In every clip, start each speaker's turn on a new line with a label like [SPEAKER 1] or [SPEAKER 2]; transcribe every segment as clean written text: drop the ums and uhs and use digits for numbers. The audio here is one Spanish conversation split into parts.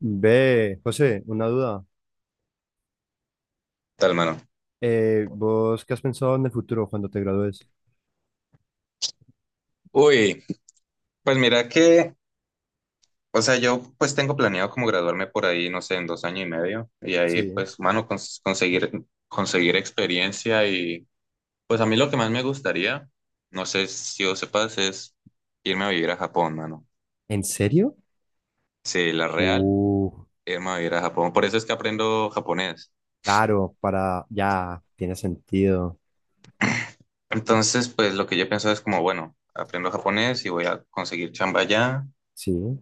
[SPEAKER 1] Ve, José, una duda.
[SPEAKER 2] Tal, mano?
[SPEAKER 1] ¿Vos qué has pensado en el futuro cuando te gradúes?
[SPEAKER 2] Uy, pues mira que, o sea, yo pues tengo planeado como graduarme por ahí, no sé, en 2 años y medio, y ahí
[SPEAKER 1] Sí.
[SPEAKER 2] pues, mano, conseguir, conseguir experiencia. Y pues a mí lo que más me gustaría, no sé si vos sepas, es irme a vivir a Japón, mano.
[SPEAKER 1] ¿En serio?
[SPEAKER 2] Sí, la real,
[SPEAKER 1] Uh,
[SPEAKER 2] irme a vivir a Japón, por eso es que aprendo japonés.
[SPEAKER 1] claro, para ya, tiene sentido.
[SPEAKER 2] Entonces, pues lo que yo pienso es como, bueno, aprendo japonés y voy a conseguir chamba allá.
[SPEAKER 1] Sí.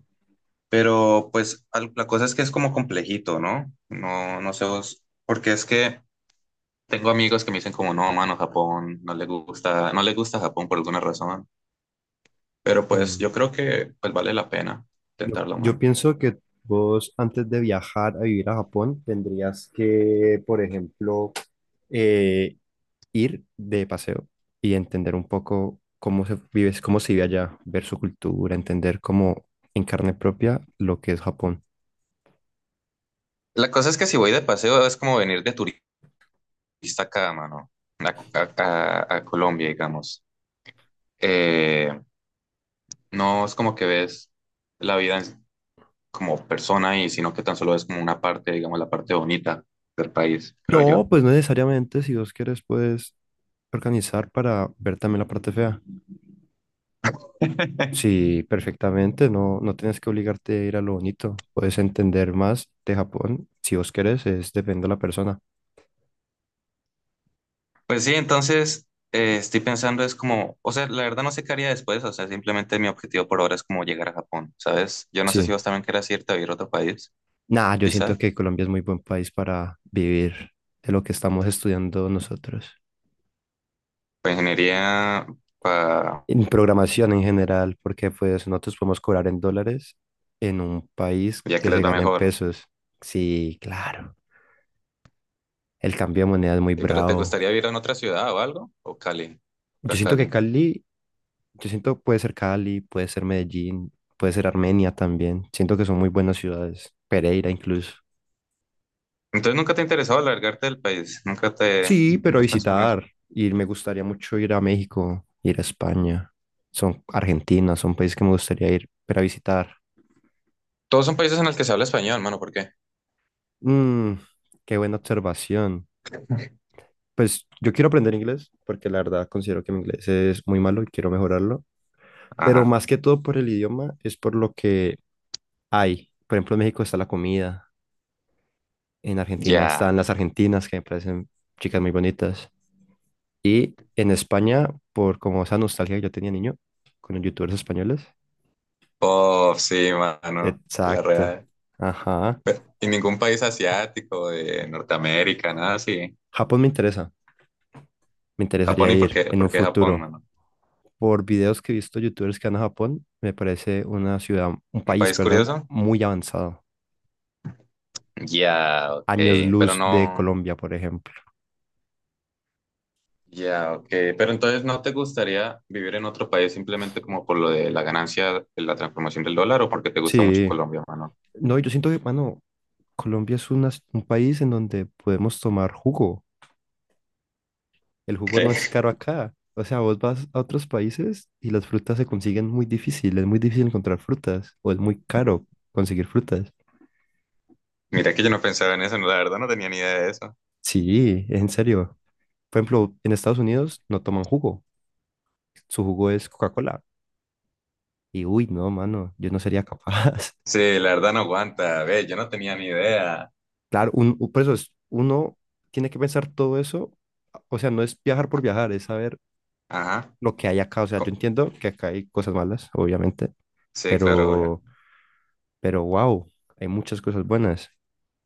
[SPEAKER 2] Pero pues la cosa es que es como complejito, ¿no? No sé vos, porque es que tengo amigos que me dicen como, no, mano, Japón, no le gusta, no le gusta Japón por alguna razón, pero pues
[SPEAKER 1] Mm.
[SPEAKER 2] yo creo que pues vale la pena
[SPEAKER 1] Yo,
[SPEAKER 2] intentarlo,
[SPEAKER 1] yo
[SPEAKER 2] mano.
[SPEAKER 1] pienso que vos antes de viajar a vivir a Japón tendrías que, por ejemplo, eh, ir de paseo y entender un poco cómo se vive allá, ver su cultura, entender cómo en carne propia lo que es Japón.
[SPEAKER 2] La cosa es que si voy de paseo es como venir de turista acá, mano, a, a- a Colombia, digamos. Eh, no es como que ves la vida en- como persona, y sino que tan solo es como una parte, digamos, la parte bonita del país, creo
[SPEAKER 1] No,
[SPEAKER 2] yo.
[SPEAKER 1] pues no necesariamente, si vos quieres puedes organizar para ver también la parte fea. Sí, perfectamente, no, no tienes que obligarte a ir a lo bonito, puedes entender más de Japón, si vos querés, es depende de la persona.
[SPEAKER 2] Pues sí, entonces estoy pensando es como, o sea, la verdad no sé qué haría después. O sea, simplemente mi objetivo por ahora es como llegar a Japón, ¿sabes? Yo no sé si
[SPEAKER 1] Sí,
[SPEAKER 2] vos también querés irte a vivir a otro país,
[SPEAKER 1] nada, yo siento
[SPEAKER 2] quizás,
[SPEAKER 1] que Colombia es muy buen país para vivir de lo que estamos estudiando nosotros.
[SPEAKER 2] para ingeniería, para
[SPEAKER 1] En programación en general, porque pues nosotros podemos cobrar en dólares en un país
[SPEAKER 2] ya que
[SPEAKER 1] que se
[SPEAKER 2] les va
[SPEAKER 1] gana en
[SPEAKER 2] mejor.
[SPEAKER 1] pesos. Sí, claro. El cambio de moneda es muy
[SPEAKER 2] Pero ¿te
[SPEAKER 1] bravo.
[SPEAKER 2] gustaría vivir en otra ciudad o algo? ¿O Cali?
[SPEAKER 1] Yo
[SPEAKER 2] Pura
[SPEAKER 1] siento que
[SPEAKER 2] Cali.
[SPEAKER 1] Cali, yo siento puede ser Cali, puede ser Medellín, puede ser Armenia también. Siento que son muy buenas ciudades. Pereira incluso.
[SPEAKER 2] Entonces nunca te ha interesado alargarte del país, nunca te,
[SPEAKER 1] Sí,
[SPEAKER 2] nunca
[SPEAKER 1] pero
[SPEAKER 2] has pensado en eso.
[SPEAKER 1] visitar. Y me gustaría mucho ir a México, ir a España. Son Argentina, son países que me gustaría ir, pero a visitar.
[SPEAKER 2] Todos son países en los que se habla español, mano, ¿por qué?
[SPEAKER 1] Mm, qué buena observación. Pues yo quiero aprender inglés, porque la verdad considero que mi inglés es muy malo y quiero mejorarlo. Pero
[SPEAKER 2] Ajá.
[SPEAKER 1] más que todo por el idioma, es por lo que hay. Por ejemplo, en México está la comida. En Argentina
[SPEAKER 2] Ya.
[SPEAKER 1] están las argentinas, que me parecen chicas muy bonitas. Y en España, por como esa nostalgia que yo tenía niño, con los youtubers españoles.
[SPEAKER 2] Oh, sí, mano. La
[SPEAKER 1] Exacto.
[SPEAKER 2] real.
[SPEAKER 1] Ajá.
[SPEAKER 2] ¿Y ningún país asiático, de Norteamérica, nada así?
[SPEAKER 1] Japón me interesa. Me
[SPEAKER 2] Japón,
[SPEAKER 1] interesaría
[SPEAKER 2] ¿y
[SPEAKER 1] ir en un
[SPEAKER 2] por qué Japón,
[SPEAKER 1] futuro.
[SPEAKER 2] mano?
[SPEAKER 1] Por videos que he visto youtubers que van a Japón, me parece una ciudad, un
[SPEAKER 2] ¿Un
[SPEAKER 1] país,
[SPEAKER 2] país
[SPEAKER 1] perdón,
[SPEAKER 2] curioso?
[SPEAKER 1] muy avanzado.
[SPEAKER 2] Ya, ok.
[SPEAKER 1] Años
[SPEAKER 2] Ok, pero
[SPEAKER 1] luz de
[SPEAKER 2] no.
[SPEAKER 1] Colombia, por ejemplo.
[SPEAKER 2] Ya, ok. Ok, pero entonces, ¿no te gustaría vivir en otro país simplemente como por lo de la ganancia de la transformación del dólar, o porque te gusta mucho
[SPEAKER 1] Sí.
[SPEAKER 2] Colombia, mano?
[SPEAKER 1] No, yo siento que, mano, Colombia es un país en donde podemos tomar jugo. El jugo no es
[SPEAKER 2] ¿Qué?
[SPEAKER 1] caro acá. O sea, vos vas a otros países y las frutas se consiguen muy difícil. Es muy difícil encontrar frutas o es muy caro conseguir frutas.
[SPEAKER 2] Mira que yo no pensaba en eso, no, la verdad no tenía ni idea de eso.
[SPEAKER 1] Sí, en serio. Por ejemplo, en Estados Unidos no toman jugo. Su jugo es Coca-Cola. Y uy, no, mano, yo no sería capaz.
[SPEAKER 2] Sí, la verdad no aguanta. Ve, yo no tenía ni idea.
[SPEAKER 1] Claro, por eso es, uno tiene que pensar todo eso. O sea, no es viajar por viajar, es saber
[SPEAKER 2] Ajá.
[SPEAKER 1] lo que hay acá. O sea, yo
[SPEAKER 2] Co-
[SPEAKER 1] entiendo que acá hay cosas malas, obviamente,
[SPEAKER 2] Sí, claro, obvio.
[SPEAKER 1] pero, pero wow, hay muchas cosas buenas.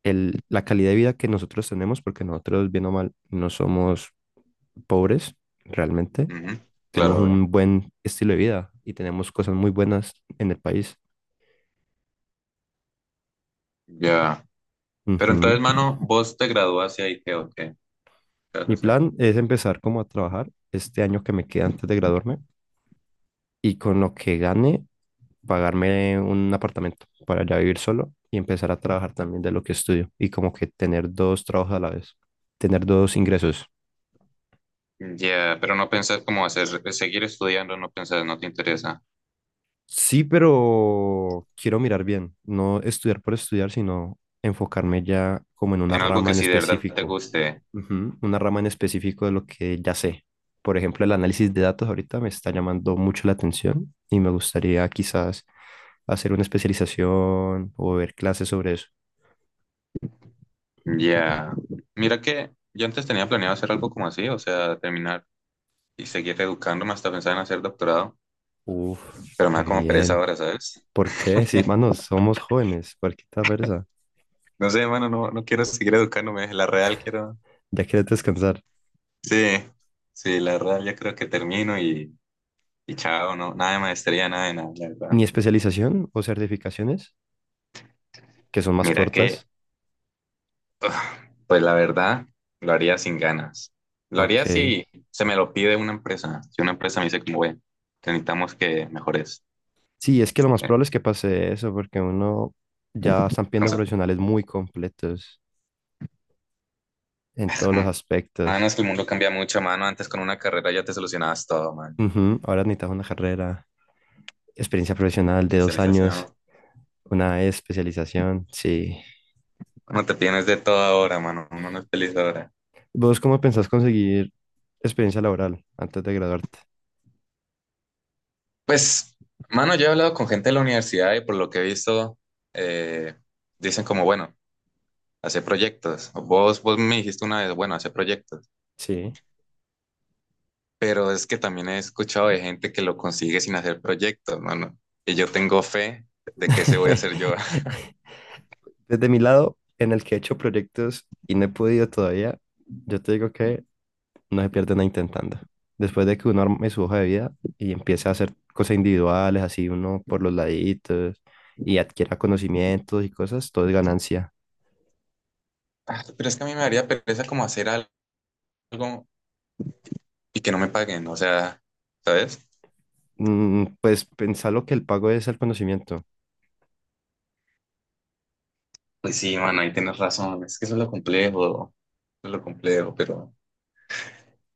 [SPEAKER 1] La calidad de vida que nosotros tenemos, porque nosotros, bien o mal, no somos pobres realmente.
[SPEAKER 2] Ujú. Claro,
[SPEAKER 1] Tenemos
[SPEAKER 2] obvio.
[SPEAKER 1] un buen estilo de vida y tenemos cosas muy buenas en el país.
[SPEAKER 2] Ya. Pero entonces,
[SPEAKER 1] Ujú.
[SPEAKER 2] mano, vos te graduaste ahí, ¿qué, o qué? ¿Qué vas a
[SPEAKER 1] Mi
[SPEAKER 2] hacer?
[SPEAKER 1] plan es empezar como a trabajar este año que me queda antes de graduarme y con lo que gane pagarme un apartamento para ya vivir solo y empezar a trabajar también de lo que estudio y como que tener dos trabajos a la vez, tener dos ingresos.
[SPEAKER 2] Ya, pero ¿no pensás cómo hacer, seguir estudiando? No pensás, no te interesa.
[SPEAKER 1] Sí, pero quiero mirar bien, no estudiar por estudiar, sino enfocarme ya como en una
[SPEAKER 2] En algo
[SPEAKER 1] rama
[SPEAKER 2] que
[SPEAKER 1] en
[SPEAKER 2] sí de verdad te
[SPEAKER 1] específico.
[SPEAKER 2] guste.
[SPEAKER 1] Ujú. Una rama en específico de lo que ya sé. Por ejemplo, el análisis de datos ahorita me está llamando mucho la atención y me gustaría quizás hacer una especialización o ver clases sobre eso.
[SPEAKER 2] Ya. Mira que yo antes tenía planeado hacer algo como así, o sea, terminar y seguir educándome hasta pensar en hacer doctorado,
[SPEAKER 1] Uf,
[SPEAKER 2] pero me
[SPEAKER 1] re
[SPEAKER 2] da como pereza
[SPEAKER 1] bien.
[SPEAKER 2] ahora, ¿sabes?
[SPEAKER 1] ¿Por qué? Sí, manos somos jóvenes, cualquier persa,
[SPEAKER 2] No sé, mano, no quiero seguir educándome, la real quiero.
[SPEAKER 1] ya quieres descansar.
[SPEAKER 2] Sí, sí, la real ya creo que termino y chao. No, nada de maestría, nada de nada, la verdad.
[SPEAKER 1] Ni especialización o certificaciones, que son más
[SPEAKER 2] Mira que,
[SPEAKER 1] cortas.
[SPEAKER 2] pues la verdad, lo haría sin ganas. Lo
[SPEAKER 1] Ok.
[SPEAKER 2] haría si se me lo pide una empresa. Si una empresa me dice como, ve, te necesitamos que mejores.
[SPEAKER 1] Sí, es que lo más
[SPEAKER 2] eh,
[SPEAKER 1] probable es que pase eso, porque uno ya están viendo
[SPEAKER 2] Entonces,
[SPEAKER 1] profesionales muy completos en todos los
[SPEAKER 2] mano,
[SPEAKER 1] aspectos.
[SPEAKER 2] es que el mundo cambia mucho, mano. Antes con una carrera ya te solucionabas todo, man.
[SPEAKER 1] Ujú. Ahora necesitas una carrera, experiencia profesional de dos
[SPEAKER 2] Especialización.
[SPEAKER 1] años, una especialización. Sí.
[SPEAKER 2] No te tienes de todo ahora, mano. Uno no es feliz ahora.
[SPEAKER 1] ¿Vos cómo pensás conseguir experiencia laboral antes de graduarte?
[SPEAKER 2] Pues, mano, yo he hablado con gente de la universidad y por lo que he visto, eh, dicen como, bueno, hacer proyectos. Vos me dijiste una vez, bueno, hacer proyectos.
[SPEAKER 1] Sí.
[SPEAKER 2] Pero es que también he escuchado de gente que lo consigue sin hacer proyectos, mano. Y yo tengo fe de que ese voy a hacer yo.
[SPEAKER 1] Desde mi lado, en el que he hecho proyectos y no he podido todavía, yo te digo que no se pierde nada intentando. Después de que uno arme su hoja de vida y empiece a hacer cosas individuales, así uno por los laditos y adquiera conocimientos y cosas, todo es ganancia.
[SPEAKER 2] Ah, pero es que a mí me daría pereza como hacer algo y que no me paguen, o sea, ¿sabes?
[SPEAKER 1] Mm, pues pensar lo que el pago es el conocimiento
[SPEAKER 2] Pues sí, mano, ahí tienes razón. Es que eso es lo complejo, eso es lo complejo, pero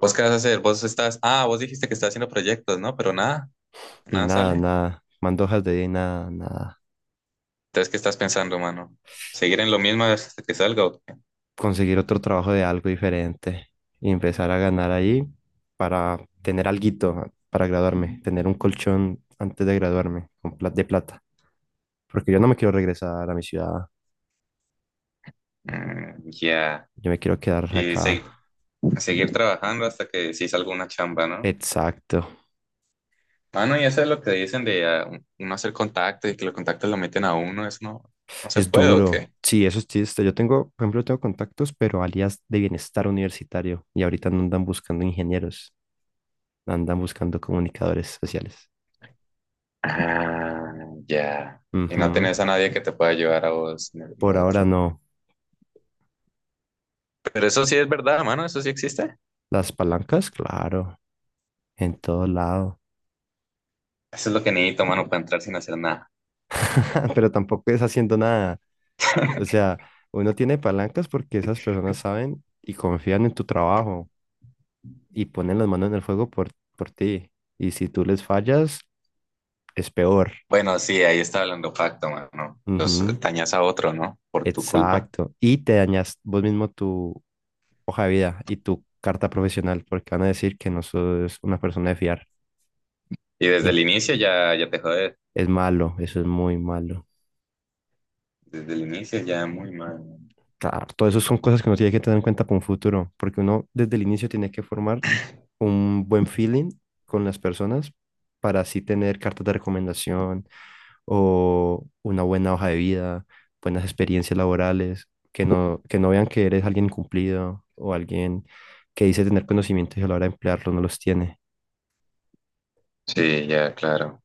[SPEAKER 2] ¿vos qué vas a hacer? Vos estás, ah, vos dijiste que estás haciendo proyectos, ¿no? Pero nada,
[SPEAKER 1] y
[SPEAKER 2] nada
[SPEAKER 1] nada,
[SPEAKER 2] sale.
[SPEAKER 1] nada, mando hojas de vida y nada, nada.
[SPEAKER 2] Entonces, ¿qué estás pensando, mano? ¿Seguir en lo mismo hasta que salga o qué?
[SPEAKER 1] Conseguir otro trabajo de algo diferente y empezar a ganar ahí para tener alguito para graduarme, tener un colchón antes de graduarme con de plata. Porque yo no me quiero regresar a mi ciudad,
[SPEAKER 2] Mm, ya.
[SPEAKER 1] yo me quiero quedar
[SPEAKER 2] Y
[SPEAKER 1] acá.
[SPEAKER 2] seguir trabajando hasta que sí salga una chamba, ¿no?
[SPEAKER 1] Exacto,
[SPEAKER 2] Mano, y eso es lo que dicen de ah, uno hacer contacto y que los contactos lo meten a uno, eso no se
[SPEAKER 1] es
[SPEAKER 2] puede, ¿o
[SPEAKER 1] duro.
[SPEAKER 2] qué?
[SPEAKER 1] Sí, eso sí, este, yo tengo, por ejemplo, tengo contactos, pero alias de bienestar universitario, y ahorita no andan buscando ingenieros, andan buscando comunicadores sociales.
[SPEAKER 2] Ah, ya. ¿Y no
[SPEAKER 1] Ujú.
[SPEAKER 2] tenés a nadie que te pueda ayudar a vos en
[SPEAKER 1] Por
[SPEAKER 2] lo
[SPEAKER 1] ahora
[SPEAKER 2] otro?
[SPEAKER 1] no.
[SPEAKER 2] Pero eso sí es verdad, mano, eso sí existe.
[SPEAKER 1] Las palancas, claro, en todo lado.
[SPEAKER 2] Eso es lo que necesito, mano, para entrar sin hacer nada.
[SPEAKER 1] Pero tampoco es haciendo nada. O sea, uno tiene palancas porque esas personas saben y confían en tu trabajo y ponen las manos en el fuego por ti. Y si tú les fallas, es peor.
[SPEAKER 2] Bueno, sí, ahí está hablando pacto, mano. Los dañas a otro, ¿no? Por tu culpa.
[SPEAKER 1] Exacto. Y te dañas vos mismo tu hoja de vida y tu carta profesional porque van a decir que no sos una persona de fiar.
[SPEAKER 2] Y
[SPEAKER 1] Y
[SPEAKER 2] desde el inicio ya, ya te jodes.
[SPEAKER 1] es malo, eso es muy malo.
[SPEAKER 2] Desde el inicio ya muy mal.
[SPEAKER 1] Claro, todo eso son cosas que uno tiene que tener en cuenta para un futuro, porque uno desde el inicio tiene que formar un buen feeling con las personas para así tener cartas de recomendación o una buena hoja de vida, buenas experiencias laborales, que no vean que eres alguien cumplido o alguien que dice tener conocimientos y a la hora de emplearlo no los tiene.
[SPEAKER 2] Sí, ya, claro.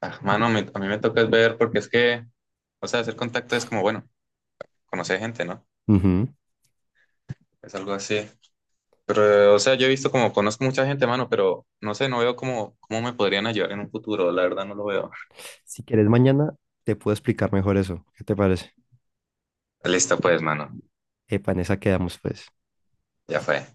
[SPEAKER 2] Ah, mano, a mí me toca es ver, porque es que, o sea, hacer contacto es como, bueno, conocer gente, ¿no?
[SPEAKER 1] Ujú.
[SPEAKER 2] Es algo así. Pero, o sea, yo he visto como, conozco mucha gente, mano, pero no sé, no veo cómo, cómo me podrían ayudar en un futuro, la verdad no lo veo.
[SPEAKER 1] Si quieres mañana, te puedo explicar mejor eso. ¿Qué te parece?
[SPEAKER 2] Listo, pues, mano,
[SPEAKER 1] Epa, en esa quedamos pues.
[SPEAKER 2] ya fue.